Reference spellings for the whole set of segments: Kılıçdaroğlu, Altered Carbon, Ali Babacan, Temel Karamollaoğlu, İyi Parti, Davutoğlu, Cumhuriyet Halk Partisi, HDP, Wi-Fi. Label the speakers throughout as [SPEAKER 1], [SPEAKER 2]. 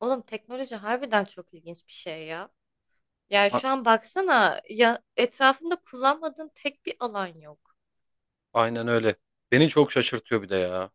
[SPEAKER 1] Oğlum teknoloji harbiden çok ilginç bir şey ya. Yani
[SPEAKER 2] A-
[SPEAKER 1] şu an baksana ya etrafında kullanmadığın tek bir alan yok.
[SPEAKER 2] Aynen öyle. Beni çok şaşırtıyor bir de ya.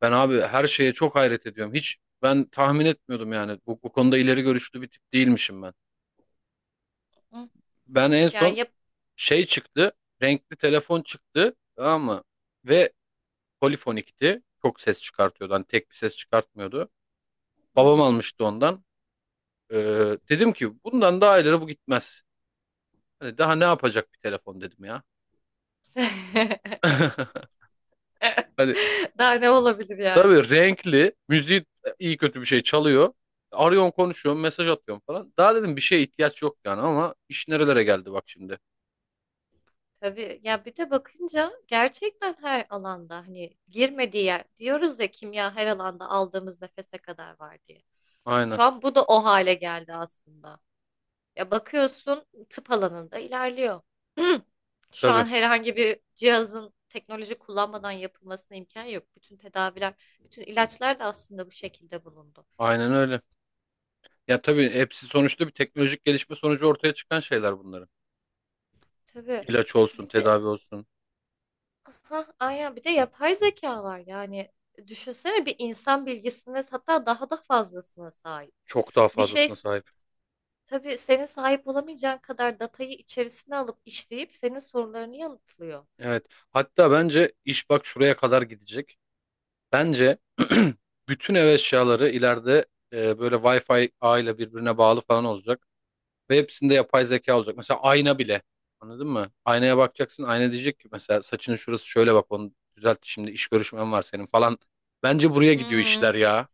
[SPEAKER 2] Ben abi her şeye çok hayret ediyorum. Hiç ben tahmin etmiyordum yani. Bu konuda ileri görüşlü bir tip değilmişim ben.
[SPEAKER 1] Hı.
[SPEAKER 2] Ben en
[SPEAKER 1] Yani
[SPEAKER 2] son
[SPEAKER 1] yap
[SPEAKER 2] şey çıktı. Renkli telefon çıktı. Tamam mı? Ve polifonikti. Çok ses çıkartıyordu. Hani tek bir ses çıkartmıyordu. Babam
[SPEAKER 1] Hı.
[SPEAKER 2] almıştı ondan. Dedim ki bundan daha ileri bu gitmez. Hani daha ne yapacak bir telefon dedim ya. Hani
[SPEAKER 1] Daha ne olabilir yani?
[SPEAKER 2] tabii renkli, müziği iyi kötü bir şey çalıyor. Arıyorum, konuşuyorum, mesaj atıyorum falan. Daha dedim bir şeye ihtiyaç yok yani, ama iş nerelere geldi bak şimdi.
[SPEAKER 1] Tabii ya bir de bakınca gerçekten her alanda hani girmediği yer diyoruz ya kimya her alanda aldığımız nefese kadar var diye.
[SPEAKER 2] Aynen,
[SPEAKER 1] Şu an bu da o hale geldi aslında. Ya bakıyorsun tıp alanında ilerliyor. Şu
[SPEAKER 2] tabii,
[SPEAKER 1] an herhangi bir cihazın teknoloji kullanmadan yapılmasına imkan yok. Bütün tedaviler, bütün ilaçlar da aslında bu şekilde bulundu.
[SPEAKER 2] aynen öyle. Ya tabii hepsi sonuçta bir teknolojik gelişme sonucu ortaya çıkan şeyler bunların.
[SPEAKER 1] Tabii.
[SPEAKER 2] İlaç olsun,
[SPEAKER 1] Bir de
[SPEAKER 2] tedavi olsun,
[SPEAKER 1] ha aynen bir de yapay zeka var. Yani düşünsene bir insan bilgisine hatta daha da fazlasına sahip.
[SPEAKER 2] çok daha
[SPEAKER 1] Bir şey
[SPEAKER 2] fazlasına sahip.
[SPEAKER 1] tabii senin sahip olamayacağın kadar datayı içerisine alıp işleyip senin sorularını yanıtlıyor.
[SPEAKER 2] Evet, hatta bence iş bak şuraya kadar gidecek. Bence bütün ev eşyaları ileride böyle Wi-Fi ağıyla birbirine bağlı falan olacak. Ve hepsinde yapay zeka olacak. Mesela ayna bile. Anladın mı? Aynaya bakacaksın. Ayna diyecek ki mesela saçının şurası şöyle, bak onu düzelt, şimdi iş görüşmen var senin falan. Bence buraya gidiyor
[SPEAKER 1] Hmm.
[SPEAKER 2] işler ya.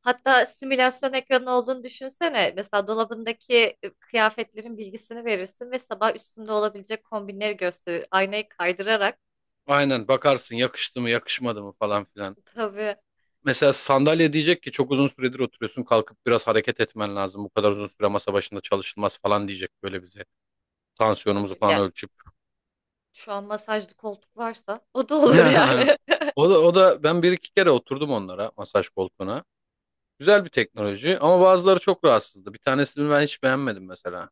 [SPEAKER 1] Hatta simülasyon ekranı olduğunu düşünsene. Mesela dolabındaki kıyafetlerin bilgisini verirsin ve sabah üstünde olabilecek kombinleri gösterir. Aynayı kaydırarak.
[SPEAKER 2] Aynen, bakarsın yakıştı mı yakışmadı mı falan filan.
[SPEAKER 1] Tabii,
[SPEAKER 2] Mesela sandalye diyecek ki çok uzun süredir oturuyorsun, kalkıp biraz hareket etmen lazım. Bu kadar uzun süre masa başında çalışılmaz falan diyecek böyle bize. Tansiyonumuzu
[SPEAKER 1] tabii.
[SPEAKER 2] falan
[SPEAKER 1] Gel.
[SPEAKER 2] ölçüp.
[SPEAKER 1] Şu an masajlı koltuk varsa o da olur yani.
[SPEAKER 2] O da, o da ben bir iki kere oturdum onlara, masaj koltuğuna. Güzel bir teknoloji ama bazıları çok rahatsızdı. Bir tanesini ben hiç beğenmedim mesela.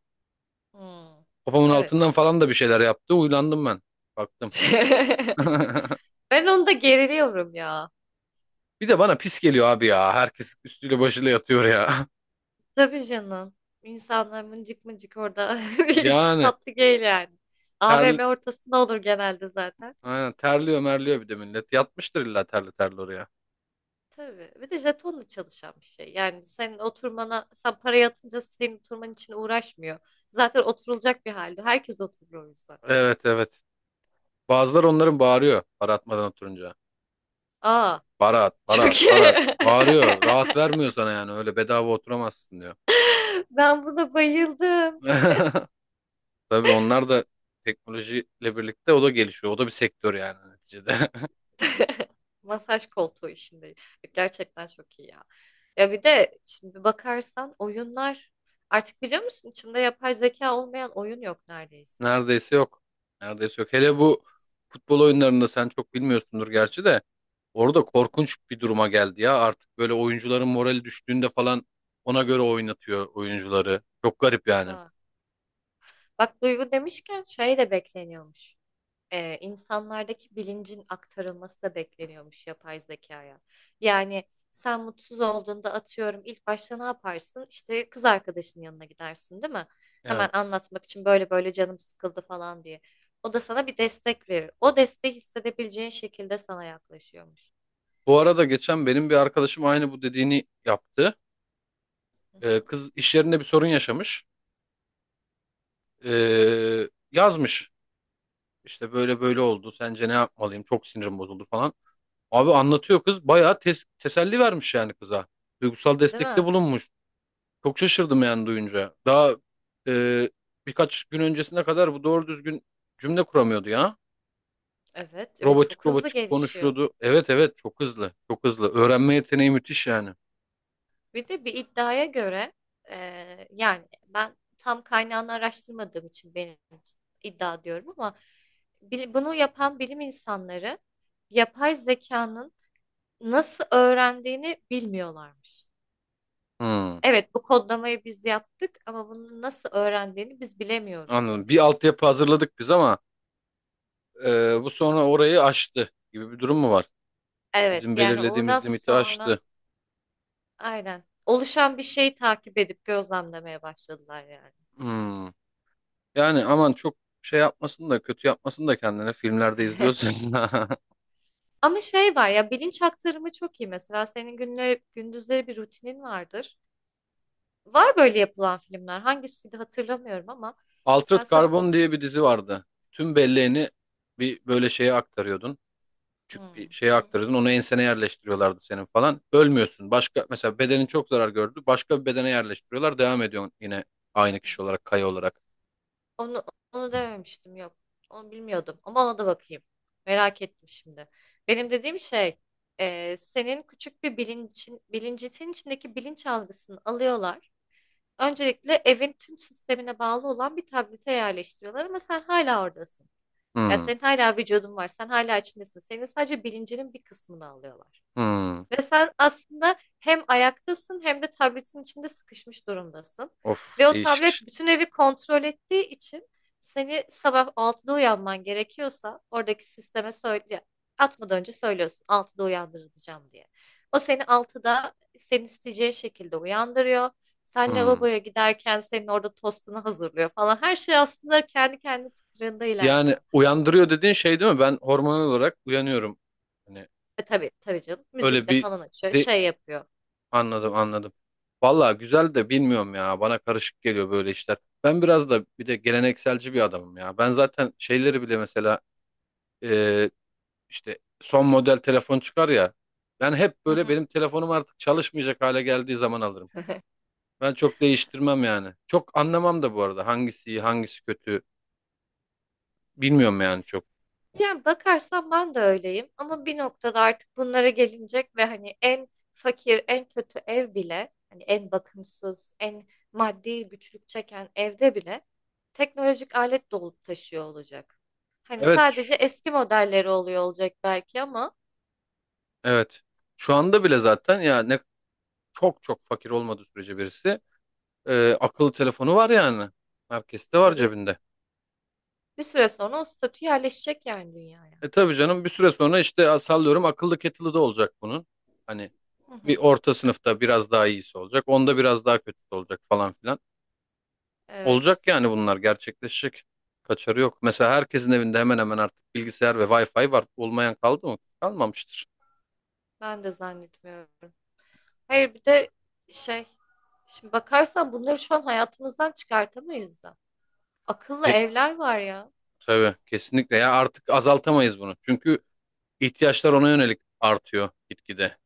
[SPEAKER 1] Hmm,
[SPEAKER 2] Kafamın
[SPEAKER 1] evet.
[SPEAKER 2] altından falan da bir şeyler yaptı. Uylandım ben. Baktım.
[SPEAKER 1] Ben onu da geriliyorum ya.
[SPEAKER 2] Bir de bana pis geliyor abi ya. Herkes üstüyle başıyla yatıyor ya.
[SPEAKER 1] Tabii canım. İnsanlar mıncık mıncık orada hiç
[SPEAKER 2] Yani
[SPEAKER 1] tatlı değil yani. A V
[SPEAKER 2] ter,
[SPEAKER 1] M ortasında olur genelde zaten.
[SPEAKER 2] aynen, terliyor merliyor bir de millet. Yatmıştır illa terli terli oraya.
[SPEAKER 1] Tabii. Bir de jetonla çalışan bir şey. Yani senin oturmana, sen parayı atınca senin oturman için uğraşmıyor. Zaten oturulacak bir halde. Herkes oturuyor o yüzden.
[SPEAKER 2] Evet, evet. Bazıları onların bağırıyor para atmadan oturunca.
[SPEAKER 1] Aa,
[SPEAKER 2] Para at, para at,
[SPEAKER 1] çok iyi.
[SPEAKER 2] para at. Bağırıyor. Rahat vermiyor sana yani. Öyle bedava oturamazsın diyor.
[SPEAKER 1] Ben buna bayıldım.
[SPEAKER 2] Tabii onlar da teknolojiyle birlikte, o da gelişiyor. O da bir sektör yani neticede.
[SPEAKER 1] Masaj koltuğu işinde. Gerçekten çok iyi ya. Ya bir de şimdi bakarsan oyunlar artık biliyor musun içinde yapay zeka olmayan oyun yok neredeyse.
[SPEAKER 2] Neredeyse yok. Neredeyse yok. Hele bu futbol oyunlarında, sen çok bilmiyorsundur gerçi de,
[SPEAKER 1] Hı
[SPEAKER 2] orada
[SPEAKER 1] hı.
[SPEAKER 2] korkunç bir duruma geldi ya. Artık böyle oyuncuların morali düştüğünde falan ona göre oynatıyor oyuncuları. Çok garip yani.
[SPEAKER 1] Ha. Bak Duygu demişken şey de bekleniyormuş. İnsanlardaki bilincin aktarılması da bekleniyormuş yapay zekaya. Yani sen mutsuz olduğunda atıyorum ilk başta ne yaparsın? İşte kız arkadaşının yanına gidersin, değil mi? Hemen
[SPEAKER 2] Evet.
[SPEAKER 1] anlatmak için böyle böyle canım sıkıldı falan diye. O da sana bir destek verir. O desteği hissedebileceğin şekilde sana yaklaşıyormuş.
[SPEAKER 2] Bu arada geçen benim bir arkadaşım aynı bu dediğini yaptı.
[SPEAKER 1] Hı hı.
[SPEAKER 2] Kız iş yerinde bir sorun yaşamış. Yazmış. İşte böyle böyle oldu, sence ne yapmalıyım, çok sinirim bozuldu falan. Abi, anlatıyor kız. Bayağı teselli vermiş yani kıza. Duygusal
[SPEAKER 1] Değil
[SPEAKER 2] destekte
[SPEAKER 1] mi?
[SPEAKER 2] bulunmuş. Çok şaşırdım yani duyunca. Daha e, birkaç gün öncesine kadar bu doğru düzgün cümle kuramıyordu ya.
[SPEAKER 1] Evet ve
[SPEAKER 2] Robotik
[SPEAKER 1] çok hızlı
[SPEAKER 2] robotik
[SPEAKER 1] gelişiyor.
[SPEAKER 2] konuşuyordu. Evet, evet, çok hızlı. Çok hızlı. Öğrenme yeteneği müthiş yani.
[SPEAKER 1] Bir de bir iddiaya göre yani ben tam kaynağını araştırmadığım için benim için iddia diyorum ama bunu yapan bilim insanları yapay zekanın nasıl öğrendiğini bilmiyorlarmış.
[SPEAKER 2] Hmm,
[SPEAKER 1] Evet bu kodlamayı biz yaptık ama bunu nasıl öğrendiğini biz bilemiyoruz
[SPEAKER 2] anladım. Bir
[SPEAKER 1] demişler.
[SPEAKER 2] altyapı hazırladık biz, ama bu sonra orayı aştı gibi bir durum mu var? Bizim
[SPEAKER 1] Evet yani oradan
[SPEAKER 2] belirlediğimiz limiti
[SPEAKER 1] sonra
[SPEAKER 2] aştı.
[SPEAKER 1] aynen oluşan bir şeyi takip edip gözlemlemeye başladılar yani.
[SPEAKER 2] Hmm. Yani aman çok şey yapmasın da, kötü yapmasın da kendine, filmlerde izliyorsun.
[SPEAKER 1] Ama şey var ya bilinç aktarımı çok iyi. Mesela senin günleri, gündüzleri bir rutinin vardır. Var böyle yapılan filmler. Hangisiydi hatırlamıyorum ama
[SPEAKER 2] Altered
[SPEAKER 1] mesela sabah.
[SPEAKER 2] Carbon diye bir dizi vardı. Tüm belleğini bir böyle şeye aktarıyordun. Küçük bir
[SPEAKER 1] Hmm.
[SPEAKER 2] şeye aktarıyordun. Onu ensene yerleştiriyorlardı senin falan. Ölmüyorsun. Başka mesela bedenin çok zarar gördü. Başka bir bedene yerleştiriyorlar. Devam ediyorsun yine, aynı kişi olarak, kaya olarak.
[SPEAKER 1] Onu, onu dememiştim, yok. Onu bilmiyordum ama ona da bakayım. Merak ettim şimdi. Benim dediğim şey, senin küçük bir bilincin, bilincin içindeki bilinç algısını alıyorlar. Öncelikle evin tüm sistemine bağlı olan bir tablete yerleştiriyorlar ama sen hala oradasın. Ya
[SPEAKER 2] Hmm.
[SPEAKER 1] senin hala vücudun var. Sen hala içindesin. Senin sadece bilincinin bir kısmını alıyorlar.
[SPEAKER 2] Hmm.
[SPEAKER 1] Ve sen aslında hem ayaktasın hem de tabletin içinde sıkışmış durumdasın.
[SPEAKER 2] Of,
[SPEAKER 1] Ve o
[SPEAKER 2] değişik
[SPEAKER 1] tablet
[SPEAKER 2] işte.
[SPEAKER 1] bütün evi kontrol ettiği için seni sabah 6'da uyanman gerekiyorsa oradaki sisteme söyle, atmadan önce söylüyorsun 6'da uyandırılacağım diye. O seni 6'da senin isteyeceğin şekilde uyandırıyor. Sen
[SPEAKER 2] Hmm.
[SPEAKER 1] lavaboya giderken senin orada tostunu hazırlıyor falan. Her şey aslında kendi kendi tıkırında
[SPEAKER 2] Yani
[SPEAKER 1] ilerliyor.
[SPEAKER 2] uyandırıyor dediğin şey değil mi? Ben hormonal olarak uyanıyorum. Hani
[SPEAKER 1] Tabii tabii canım.
[SPEAKER 2] öyle
[SPEAKER 1] Müzikle
[SPEAKER 2] bir
[SPEAKER 1] falan açıyor,
[SPEAKER 2] de,
[SPEAKER 1] şey yapıyor.
[SPEAKER 2] Anladım, anladım. Valla güzel de, bilmiyorum ya. Bana karışık geliyor böyle işler. Ben biraz da, bir de gelenekselci bir adamım ya. Ben zaten şeyleri bile, mesela e, işte son model telefon çıkar ya. Ben hep
[SPEAKER 1] Hı
[SPEAKER 2] böyle
[SPEAKER 1] hı.
[SPEAKER 2] benim telefonum artık çalışmayacak hale geldiği zaman alırım. Ben çok değiştirmem yani. Çok anlamam da bu arada, hangisi iyi hangisi kötü bilmiyorum yani çok.
[SPEAKER 1] Yani bakarsan ben de öyleyim ama bir noktada artık bunlara gelinecek ve hani en fakir, en kötü ev bile, hani en bakımsız, en maddi güçlük çeken evde bile teknolojik alet dolup taşıyor olacak. Hani
[SPEAKER 2] Evet,
[SPEAKER 1] sadece eski modelleri oluyor olacak belki ama
[SPEAKER 2] evet. Şu anda bile zaten ya, ne çok çok fakir olmadığı sürece birisi, akıllı telefonu var yani. Herkeste var
[SPEAKER 1] tabii
[SPEAKER 2] cebinde.
[SPEAKER 1] bir süre sonra o statü yerleşecek yani dünyaya.
[SPEAKER 2] E, tabii canım, bir süre sonra işte, sallıyorum, akıllı kettle'ı da olacak bunun. Hani
[SPEAKER 1] Hı
[SPEAKER 2] bir
[SPEAKER 1] hı.
[SPEAKER 2] orta sınıfta biraz daha iyisi olacak, onda biraz daha kötüsü olacak falan filan.
[SPEAKER 1] Evet,
[SPEAKER 2] Olacak yani, bunlar gerçekleşecek. Kaçarı yok. Mesela herkesin evinde hemen hemen artık bilgisayar ve Wi-Fi var. Olmayan kaldı mı? Kalmamıştır.
[SPEAKER 1] ben de zannetmiyorum. Hayır bir de şey, şimdi bakarsan bunları şu an hayatımızdan çıkartamayız da. Akıllı
[SPEAKER 2] E,
[SPEAKER 1] evler var ya.
[SPEAKER 2] tabii kesinlikle ya, artık azaltamayız bunu. Çünkü ihtiyaçlar ona yönelik artıyor gitgide.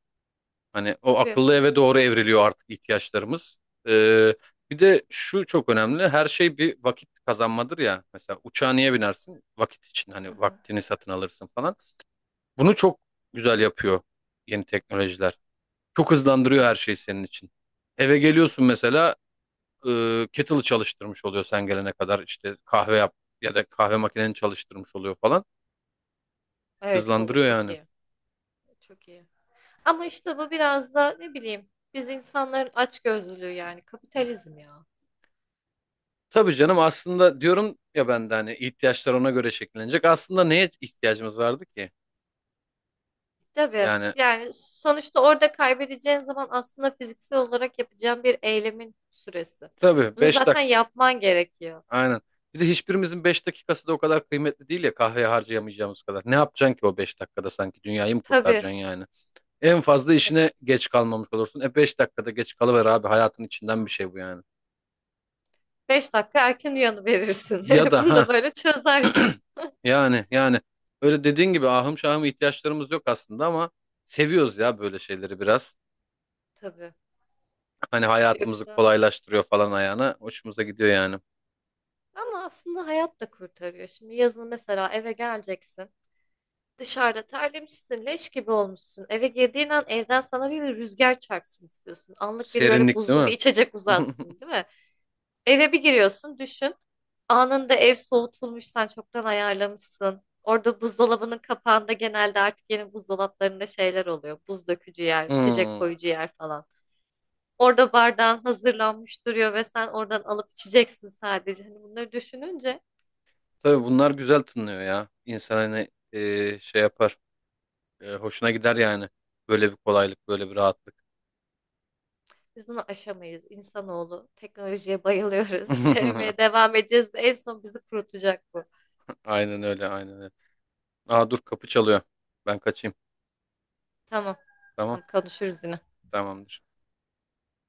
[SPEAKER 2] Hani o
[SPEAKER 1] Tabii.
[SPEAKER 2] akıllı eve doğru evriliyor artık ihtiyaçlarımız. Ee, Bir de şu çok önemli. Her şey bir vakit kazanmadır ya. Mesela uçağa niye binersin? Vakit için,
[SPEAKER 1] Hı
[SPEAKER 2] hani
[SPEAKER 1] hı.
[SPEAKER 2] vaktini satın alırsın falan. Bunu çok güzel yapıyor yeni teknolojiler. Çok hızlandırıyor her şeyi
[SPEAKER 1] Evet.
[SPEAKER 2] senin için. Eve geliyorsun mesela, kettle'ı çalıştırmış oluyor sen gelene kadar. İşte kahve yap, ya da kahve makineni çalıştırmış oluyor falan.
[SPEAKER 1] Evet o
[SPEAKER 2] Hızlandırıyor
[SPEAKER 1] çok
[SPEAKER 2] yani.
[SPEAKER 1] iyi. Çok iyi. Ama işte bu biraz da ne bileyim biz insanların açgözlülüğü yani kapitalizm ya.
[SPEAKER 2] Tabii canım, aslında diyorum ya ben de, hani ihtiyaçlar ona göre şekillenecek. Aslında neye ihtiyacımız vardı ki?
[SPEAKER 1] Tabii.
[SPEAKER 2] Yani
[SPEAKER 1] Yani sonuçta orada kaybedeceğin zaman aslında fiziksel olarak yapacağın bir eylemin süresi.
[SPEAKER 2] tabii,
[SPEAKER 1] Bunu
[SPEAKER 2] beş
[SPEAKER 1] zaten
[SPEAKER 2] dakika
[SPEAKER 1] yapman gerekiyor.
[SPEAKER 2] aynen. Bir de hiçbirimizin 5 dakikası da o kadar kıymetli değil ya, kahveye harcayamayacağımız kadar. Ne yapacaksın ki o 5 dakikada, sanki dünyayı mı
[SPEAKER 1] Tabii.
[SPEAKER 2] kurtaracaksın yani? En fazla
[SPEAKER 1] E,
[SPEAKER 2] işine geç kalmamış olursun. E, 5 dakikada geç kalıver abi, hayatın içinden bir şey bu yani.
[SPEAKER 1] 5 dakika erken uyanıverirsin.
[SPEAKER 2] Ya da
[SPEAKER 1] Bunu da
[SPEAKER 2] ha,
[SPEAKER 1] böyle çözersin.
[SPEAKER 2] yani öyle dediğin gibi, ahım şahım ihtiyaçlarımız yok aslında, ama seviyoruz ya böyle şeyleri biraz.
[SPEAKER 1] Tabii.
[SPEAKER 2] Hani hayatımızı
[SPEAKER 1] Yoksa
[SPEAKER 2] kolaylaştırıyor falan ayağına. Hoşumuza gidiyor yani.
[SPEAKER 1] ama aslında hayat da kurtarıyor. Şimdi yazın mesela eve geleceksin. Dışarıda terlemişsin, leş gibi olmuşsun. Eve girdiğin an evden sana bir rüzgar çarpsın istiyorsun. Anlık biri böyle
[SPEAKER 2] Serinlik değil
[SPEAKER 1] buzlu bir
[SPEAKER 2] mi?
[SPEAKER 1] içecek uzatsın, değil mi? Eve bir giriyorsun, düşün. Anında ev soğutulmuş, sen çoktan ayarlamışsın. Orada buzdolabının kapağında genelde artık yeni buzdolaplarında şeyler oluyor. Buz dökücü yer, içecek
[SPEAKER 2] Hmm.
[SPEAKER 1] koyucu yer falan. Orada bardağın hazırlanmış duruyor ve sen oradan alıp içeceksin sadece. Hani bunları düşününce
[SPEAKER 2] Tabii bunlar güzel tınlıyor ya. İnsan hani şey yapar. E, hoşuna gider yani. Böyle bir kolaylık, böyle bir rahatlık.
[SPEAKER 1] biz bunu aşamayız. İnsanoğlu teknolojiye bayılıyoruz. Sevmeye devam edeceğiz. En son bizi kurutacak bu.
[SPEAKER 2] Aynen öyle, aynen öyle. Aa, dur, kapı çalıyor. Ben kaçayım.
[SPEAKER 1] Tamam,
[SPEAKER 2] Tamam,
[SPEAKER 1] tamam konuşuruz yine.
[SPEAKER 2] tamamdır.